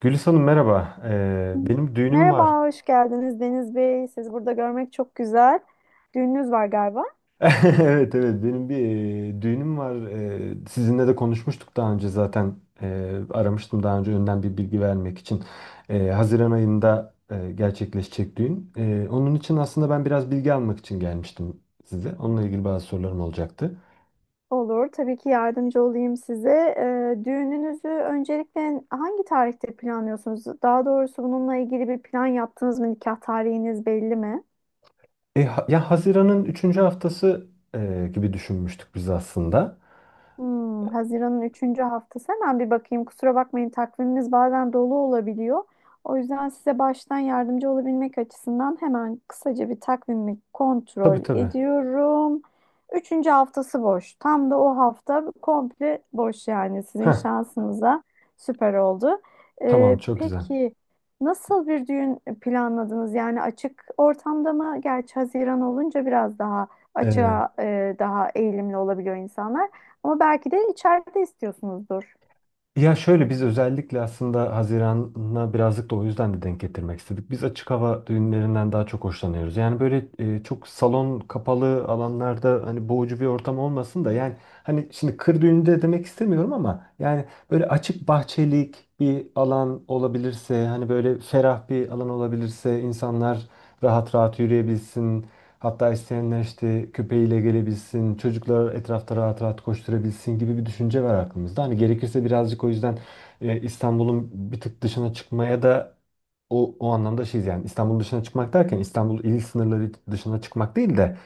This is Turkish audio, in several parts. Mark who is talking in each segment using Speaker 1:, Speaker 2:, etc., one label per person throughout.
Speaker 1: Gülis Hanım merhaba. Benim düğünüm var.
Speaker 2: Merhaba, hoş geldiniz Deniz Bey. Sizi burada görmek çok güzel. Düğününüz var galiba.
Speaker 1: Evet, benim bir düğünüm var. Sizinle de konuşmuştuk daha önce zaten. Aramıştım daha önce önden bir bilgi vermek için. Haziran ayında gerçekleşecek düğün. Onun için aslında ben biraz bilgi almak için gelmiştim size. Onunla ilgili bazı sorularım olacaktı.
Speaker 2: Olur, tabii ki yardımcı olayım size. Düğününüzü öncelikle hangi tarihte planlıyorsunuz? Daha doğrusu bununla ilgili bir plan yaptınız mı? Nikah tarihiniz belli mi?
Speaker 1: Ya Haziran'ın üçüncü haftası gibi düşünmüştük biz aslında.
Speaker 2: Haziran'ın üçüncü haftası hemen bir bakayım. Kusura bakmayın takviminiz bazen dolu olabiliyor. O yüzden size baştan yardımcı olabilmek açısından hemen kısaca bir takvimi kontrol
Speaker 1: Tabii tabii.
Speaker 2: ediyorum. Üçüncü haftası boş. Tam da o hafta komple boş, yani sizin
Speaker 1: Heh,
Speaker 2: şansınıza süper oldu.
Speaker 1: tamam çok güzel.
Speaker 2: Peki nasıl bir düğün planladınız? Yani açık ortamda mı? Gerçi Haziran olunca biraz daha
Speaker 1: Evet.
Speaker 2: açığa daha eğilimli olabiliyor insanlar. Ama belki de içeride istiyorsunuzdur.
Speaker 1: Ya şöyle biz özellikle aslında Haziran'a birazcık da o yüzden de denk getirmek istedik. Biz açık hava düğünlerinden daha çok hoşlanıyoruz. Yani böyle çok salon kapalı alanlarda hani boğucu bir ortam olmasın da yani hani şimdi kır düğünü de demek istemiyorum ama yani böyle açık bahçelik bir alan olabilirse hani böyle ferah bir alan olabilirse insanlar rahat rahat yürüyebilsin. Hatta isteyenler işte köpeğiyle gelebilsin, çocuklar etrafta rahat rahat koşturabilsin gibi bir düşünce var aklımızda. Hani gerekirse birazcık o yüzden İstanbul'un bir tık dışına çıkmaya da o anlamda şeyiz yani İstanbul dışına çıkmak derken İstanbul il sınırları dışına çıkmak değil de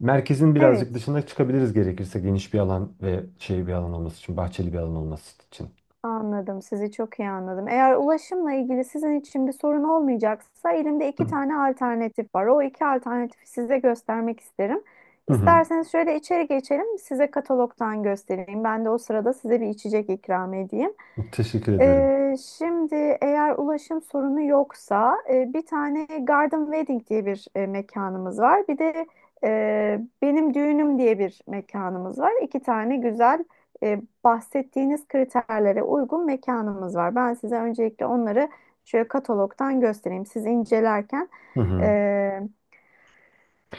Speaker 1: merkezin birazcık
Speaker 2: Evet,
Speaker 1: dışına çıkabiliriz gerekirse geniş bir alan ve şey bir alan olması için, bahçeli bir alan olması için.
Speaker 2: anladım. Sizi çok iyi anladım. Eğer ulaşımla ilgili sizin için bir sorun olmayacaksa elimde iki tane alternatif var. O iki alternatifi size göstermek isterim.
Speaker 1: Hı hı.
Speaker 2: İsterseniz şöyle içeri geçelim, size katalogdan göstereyim. Ben de o sırada size bir içecek ikram edeyim.
Speaker 1: Teşekkür ederim.
Speaker 2: Şimdi eğer ulaşım sorunu yoksa bir tane Garden Wedding diye bir mekanımız var. Bir de Benim Düğünüm diye bir mekanımız var. İki tane güzel, bahsettiğiniz kriterlere uygun mekanımız var. Ben size öncelikle onları şöyle katalogdan göstereyim. Siz incelerken
Speaker 1: Hı hı.
Speaker 2: e,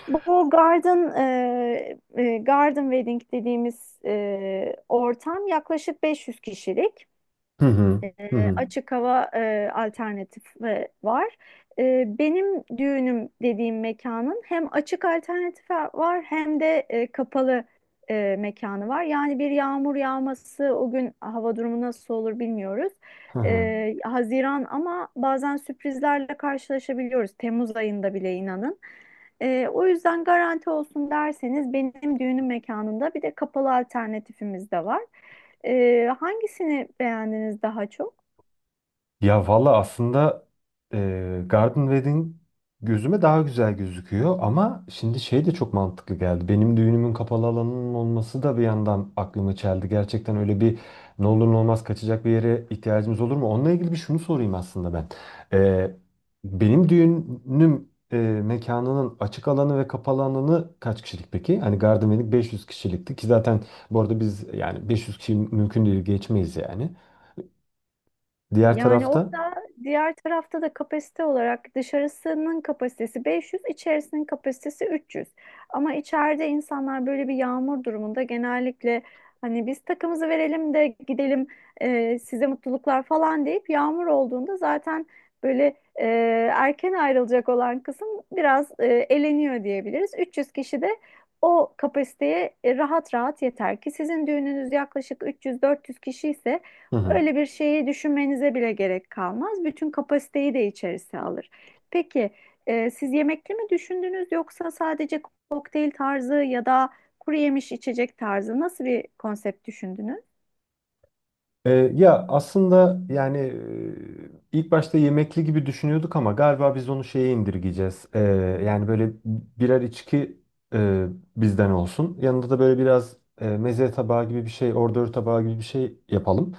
Speaker 2: bu Garden Wedding dediğimiz ortam yaklaşık 500 kişilik.
Speaker 1: Hı hı.
Speaker 2: E,
Speaker 1: Hı hı.
Speaker 2: Açık hava alternatifi var. Benim düğünüm dediğim mekanın hem açık alternatifi var, hem de kapalı mekanı var. Yani bir yağmur yağması, o gün hava durumu nasıl olur bilmiyoruz.
Speaker 1: Hı hı.
Speaker 2: Haziran ama bazen sürprizlerle karşılaşabiliyoruz. Temmuz ayında bile, inanın. O yüzden garanti olsun derseniz, benim düğünüm mekanında bir de kapalı alternatifimiz de var. Hangisini beğendiniz daha çok?
Speaker 1: Ya valla aslında Garden Wedding gözüme daha güzel gözüküyor ama şimdi şey de çok mantıklı geldi. Benim düğünümün kapalı alanının olması da bir yandan aklımı çeldi. Gerçekten öyle bir ne olur ne olmaz kaçacak bir yere ihtiyacımız olur mu? Onunla ilgili bir şunu sorayım aslında ben. E, Benim düğünüm mekanının açık alanı ve kapalı alanı kaç kişilik peki? Hani Garden Wedding 500 kişilikti ki zaten bu arada biz yani 500 kişi mümkün değil geçmeyiz yani. Diğer
Speaker 2: Yani
Speaker 1: tarafta
Speaker 2: orada, diğer tarafta da kapasite olarak dışarısının kapasitesi 500, içerisinin kapasitesi 300. Ama içeride insanlar böyle bir yağmur durumunda genellikle hani biz takımızı verelim de gidelim, size mutluluklar falan deyip yağmur olduğunda zaten böyle e, erken ayrılacak olan kısım biraz eleniyor diyebiliriz. 300 kişi de o kapasiteye rahat rahat yeter ki, sizin düğününüz yaklaşık 300-400 kişi ise
Speaker 1: hı hı.
Speaker 2: öyle bir şeyi düşünmenize bile gerek kalmaz. Bütün kapasiteyi de içerisine alır. Peki siz yemekli mi düşündünüz, yoksa sadece kokteyl tarzı ya da kuru yemiş, içecek tarzı nasıl bir konsept düşündünüz?
Speaker 1: Ya aslında yani ilk başta yemekli gibi düşünüyorduk ama galiba biz onu şeye indirgeyeceğiz. Yani böyle birer içki e, bizden olsun. Yanında da böyle biraz meze tabağı gibi bir şey, ordör tabağı gibi bir şey yapalım.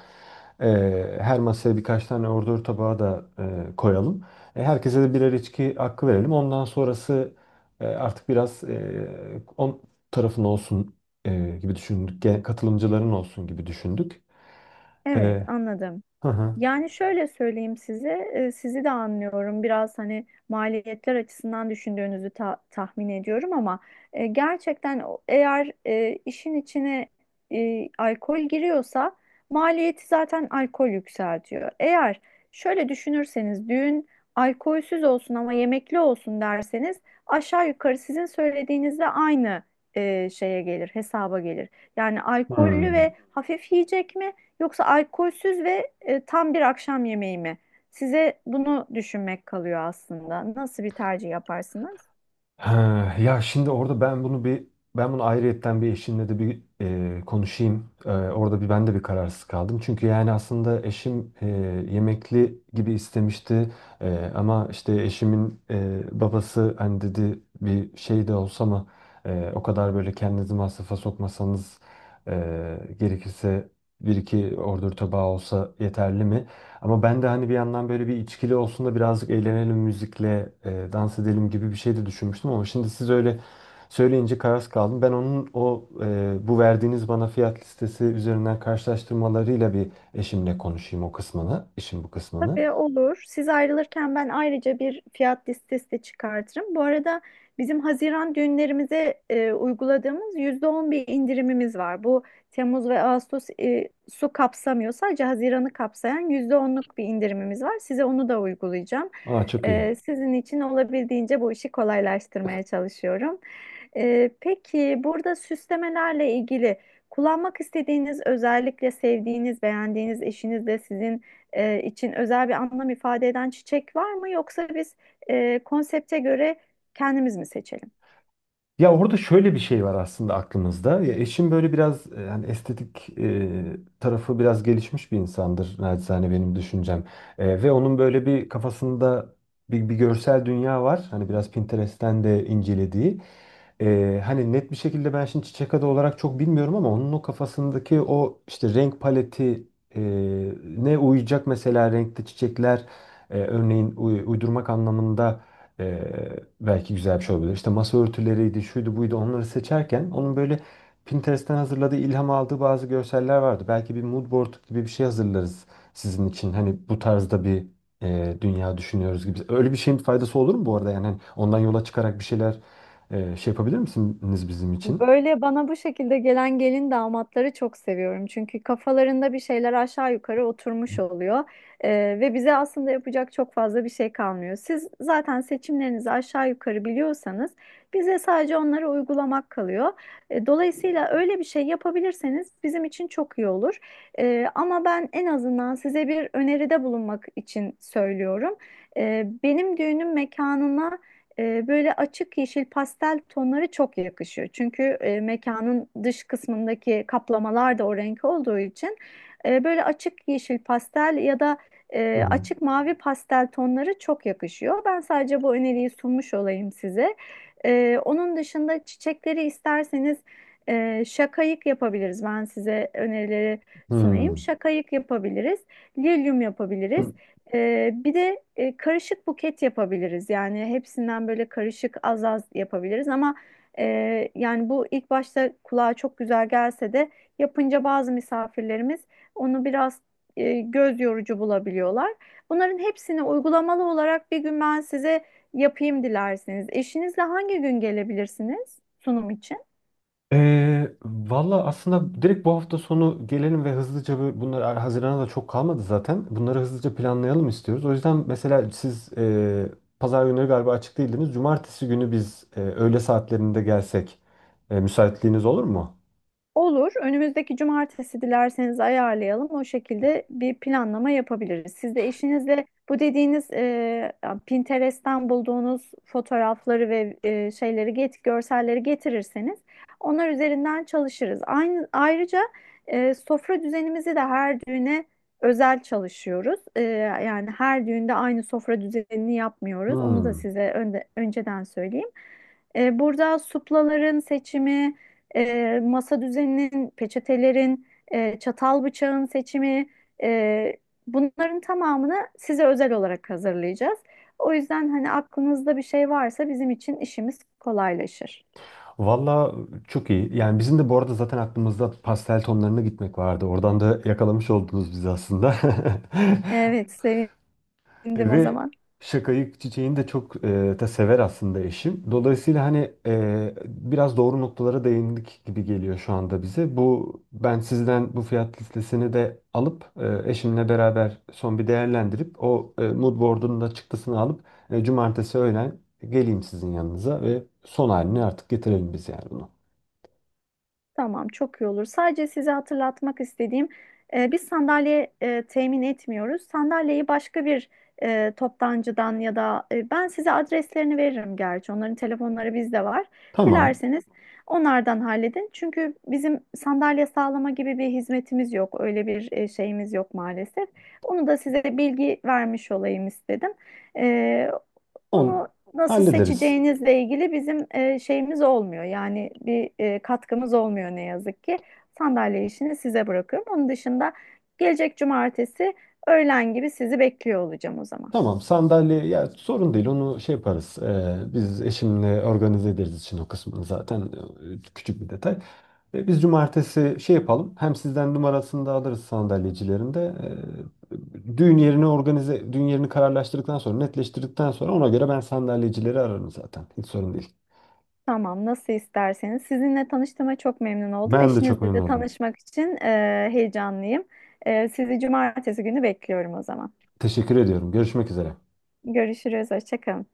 Speaker 1: Her masaya birkaç tane ordör tabağı da koyalım. Herkese de birer içki hakkı verelim. Ondan sonrası artık biraz on tarafın olsun gibi düşündük. Katılımcıların olsun gibi düşündük.
Speaker 2: Evet, anladım.
Speaker 1: Hı hı.
Speaker 2: Yani şöyle söyleyeyim size, sizi de anlıyorum. Biraz hani maliyetler açısından düşündüğünüzü tahmin ediyorum, ama gerçekten eğer işin içine alkol giriyorsa maliyeti zaten alkol yükseltiyor. Eğer şöyle düşünürseniz, düğün alkolsüz olsun ama yemekli olsun derseniz, aşağı yukarı sizin söylediğinizle aynı şeye gelir, hesaba gelir. Yani alkollü
Speaker 1: Hmm.
Speaker 2: ve hafif yiyecek mi? Yoksa alkolsüz ve tam bir akşam yemeği mi? Size bunu düşünmek kalıyor aslında. Nasıl bir tercih yaparsınız?
Speaker 1: Ha, ya şimdi orada ben bunu bir ben bunu ayrıyetten bir eşimle de bir konuşayım. E, orada bir ben de bir kararsız kaldım. Çünkü yani aslında eşim yemekli gibi istemişti. Ama işte eşimin babası hani dedi bir şey de olsa ama o kadar böyle kendinizi masrafa sokmasanız gerekirse bir iki ordur tabağı olsa yeterli mi? Ama ben de hani bir yandan böyle bir içkili olsun da birazcık eğlenelim müzikle, dans edelim gibi bir şey de düşünmüştüm ama şimdi siz öyle söyleyince kararsız kaldım. Ben onun o bu verdiğiniz bana fiyat listesi üzerinden karşılaştırmalarıyla bir eşimle konuşayım o kısmını, işin bu kısmını.
Speaker 2: Tabii, olur. Siz ayrılırken ben ayrıca bir fiyat listesi de çıkartırım. Bu arada bizim Haziran düğünlerimize uyguladığımız %10 bir indirimimiz var. Bu Temmuz ve Ağustos su kapsamıyor. Sadece Haziran'ı kapsayan %10'luk bir indirimimiz var. Size onu da uygulayacağım.
Speaker 1: Aa çok iyi.
Speaker 2: Sizin için olabildiğince bu işi kolaylaştırmaya çalışıyorum. Peki burada süslemelerle ilgili kullanmak istediğiniz, özellikle sevdiğiniz, beğendiğiniz, eşiniz de sizin için özel bir anlam ifade eden çiçek var mı? Yoksa biz konsepte göre kendimiz mi seçelim?
Speaker 1: Ya orada şöyle bir şey var aslında aklımızda. Ya eşim böyle biraz yani estetik tarafı biraz gelişmiş bir insandır naçizane benim düşüncem. Ve onun böyle bir kafasında bir görsel dünya var. Hani biraz Pinterest'ten de incelediği. Hani net bir şekilde ben şimdi çiçek adı olarak çok bilmiyorum ama onun o kafasındaki o işte renk paleti e, ne uyacak mesela renkte çiçekler örneğin uydurmak anlamında belki güzel bir şey olabilir. İşte masa örtüleriydi, şuydu buydu onları seçerken onun böyle Pinterest'ten hazırladığı, ilham aldığı bazı görseller vardı. Belki bir mood board gibi bir şey hazırlarız sizin için. Hani bu tarzda bir dünya düşünüyoruz gibi. Öyle bir şeyin faydası olur mu bu arada? Yani hani ondan yola çıkarak bir şeyler şey yapabilir misiniz bizim için?
Speaker 2: Böyle bana bu şekilde gelen gelin damatları çok seviyorum. Çünkü kafalarında bir şeyler aşağı yukarı oturmuş oluyor. Ve bize aslında yapacak çok fazla bir şey kalmıyor. Siz zaten seçimlerinizi aşağı yukarı biliyorsanız, bize sadece onları uygulamak kalıyor. Dolayısıyla öyle bir şey yapabilirseniz, bizim için çok iyi olur. Ama ben en azından size bir öneride bulunmak için söylüyorum. Benim düğünüm mekanına böyle açık yeşil pastel tonları çok yakışıyor. Çünkü mekanın dış kısmındaki kaplamalar da o renk olduğu için böyle açık yeşil pastel ya da
Speaker 1: Hı hı.
Speaker 2: açık mavi pastel tonları çok yakışıyor. Ben sadece bu öneriyi sunmuş olayım size. Onun dışında çiçekleri isterseniz şakayık yapabiliriz. Ben size önerileri sunayım.
Speaker 1: Hmm.
Speaker 2: Şakayık yapabiliriz, lilyum yapabiliriz. Bir de karışık buket yapabiliriz. Yani hepsinden böyle karışık, az az yapabiliriz ama e, yani bu ilk başta kulağa çok güzel gelse de, yapınca bazı misafirlerimiz onu biraz göz yorucu bulabiliyorlar. Bunların hepsini uygulamalı olarak bir gün ben size yapayım dilerseniz. Eşinizle hangi gün gelebilirsiniz sunum için?
Speaker 1: Valla aslında direkt bu hafta sonu gelelim ve hızlıca bunlar Haziran'a da çok kalmadı zaten. Bunları hızlıca planlayalım istiyoruz. O yüzden mesela siz pazar günleri galiba açık değildiniz. Cumartesi günü biz öğle saatlerinde gelsek müsaitliğiniz olur mu?
Speaker 2: Olur. Önümüzdeki cumartesi dilerseniz ayarlayalım. O şekilde bir planlama yapabiliriz. Siz de eşinizle bu dediğiniz Pinterest'ten bulduğunuz fotoğrafları ve görselleri getirirseniz, onlar üzerinden çalışırız. Aynı, ayrıca sofra düzenimizi de her düğüne özel çalışıyoruz. Yani her düğünde aynı sofra düzenini yapmıyoruz. Onu da
Speaker 1: Hmm.
Speaker 2: size önceden söyleyeyim. Burada suplaların seçimi, masa düzeninin, peçetelerin, çatal bıçağın seçimi, e, bunların tamamını size özel olarak hazırlayacağız. O yüzden hani aklınızda bir şey varsa, bizim için işimiz kolaylaşır.
Speaker 1: Valla çok iyi. Yani bizim de bu arada zaten aklımızda pastel tonlarına gitmek vardı. Oradan da yakalamış oldunuz bizi aslında.
Speaker 2: Evet, sevindim o
Speaker 1: Ve
Speaker 2: zaman.
Speaker 1: şakayı çiçeğini de çok da sever aslında eşim. Dolayısıyla hani biraz doğru noktalara değindik gibi geliyor şu anda bize. Bu ben sizden bu fiyat listesini de alıp eşimle beraber son bir değerlendirip o mood board'un da çıktısını alıp cumartesi öğlen geleyim sizin yanınıza ve son halini artık getirelim biz yani bunu.
Speaker 2: Tamam, çok iyi olur. Sadece size hatırlatmak istediğim, biz sandalye temin etmiyoruz. Sandalyeyi başka bir toptancıdan ya da, ben size adreslerini veririm gerçi. Onların telefonları bizde var.
Speaker 1: Tamam.
Speaker 2: Dilerseniz onlardan halledin. Çünkü bizim sandalye sağlama gibi bir hizmetimiz yok. Öyle bir şeyimiz yok maalesef. Onu da size bilgi vermiş olayım istedim. E,
Speaker 1: On
Speaker 2: Onu nasıl
Speaker 1: hallederiz.
Speaker 2: seçeceğinizle ilgili bizim şeyimiz olmuyor. Yani bir katkımız olmuyor ne yazık ki. Sandalye işini size bırakıyorum. Onun dışında gelecek cumartesi öğlen gibi sizi bekliyor olacağım o zaman.
Speaker 1: Tamam, sandalye ya sorun değil onu şey yaparız. Biz eşimle organize ederiz için o kısmını zaten küçük bir detay. Biz cumartesi şey yapalım. Hem sizden numarasını da alırız sandalyecilerin de. Düğün yerini organize düğün yerini kararlaştırdıktan sonra netleştirdikten sonra ona göre ben sandalyecileri ararım zaten. Hiç sorun değil.
Speaker 2: Tamam, nasıl isterseniz. Sizinle tanıştığıma çok memnun oldum.
Speaker 1: Ben de çok
Speaker 2: Eşinizle
Speaker 1: memnun
Speaker 2: de
Speaker 1: oldum.
Speaker 2: tanışmak için heyecanlıyım. Sizi cumartesi günü bekliyorum o zaman.
Speaker 1: Teşekkür ediyorum. Görüşmek üzere.
Speaker 2: Görüşürüz, hoşça kalın.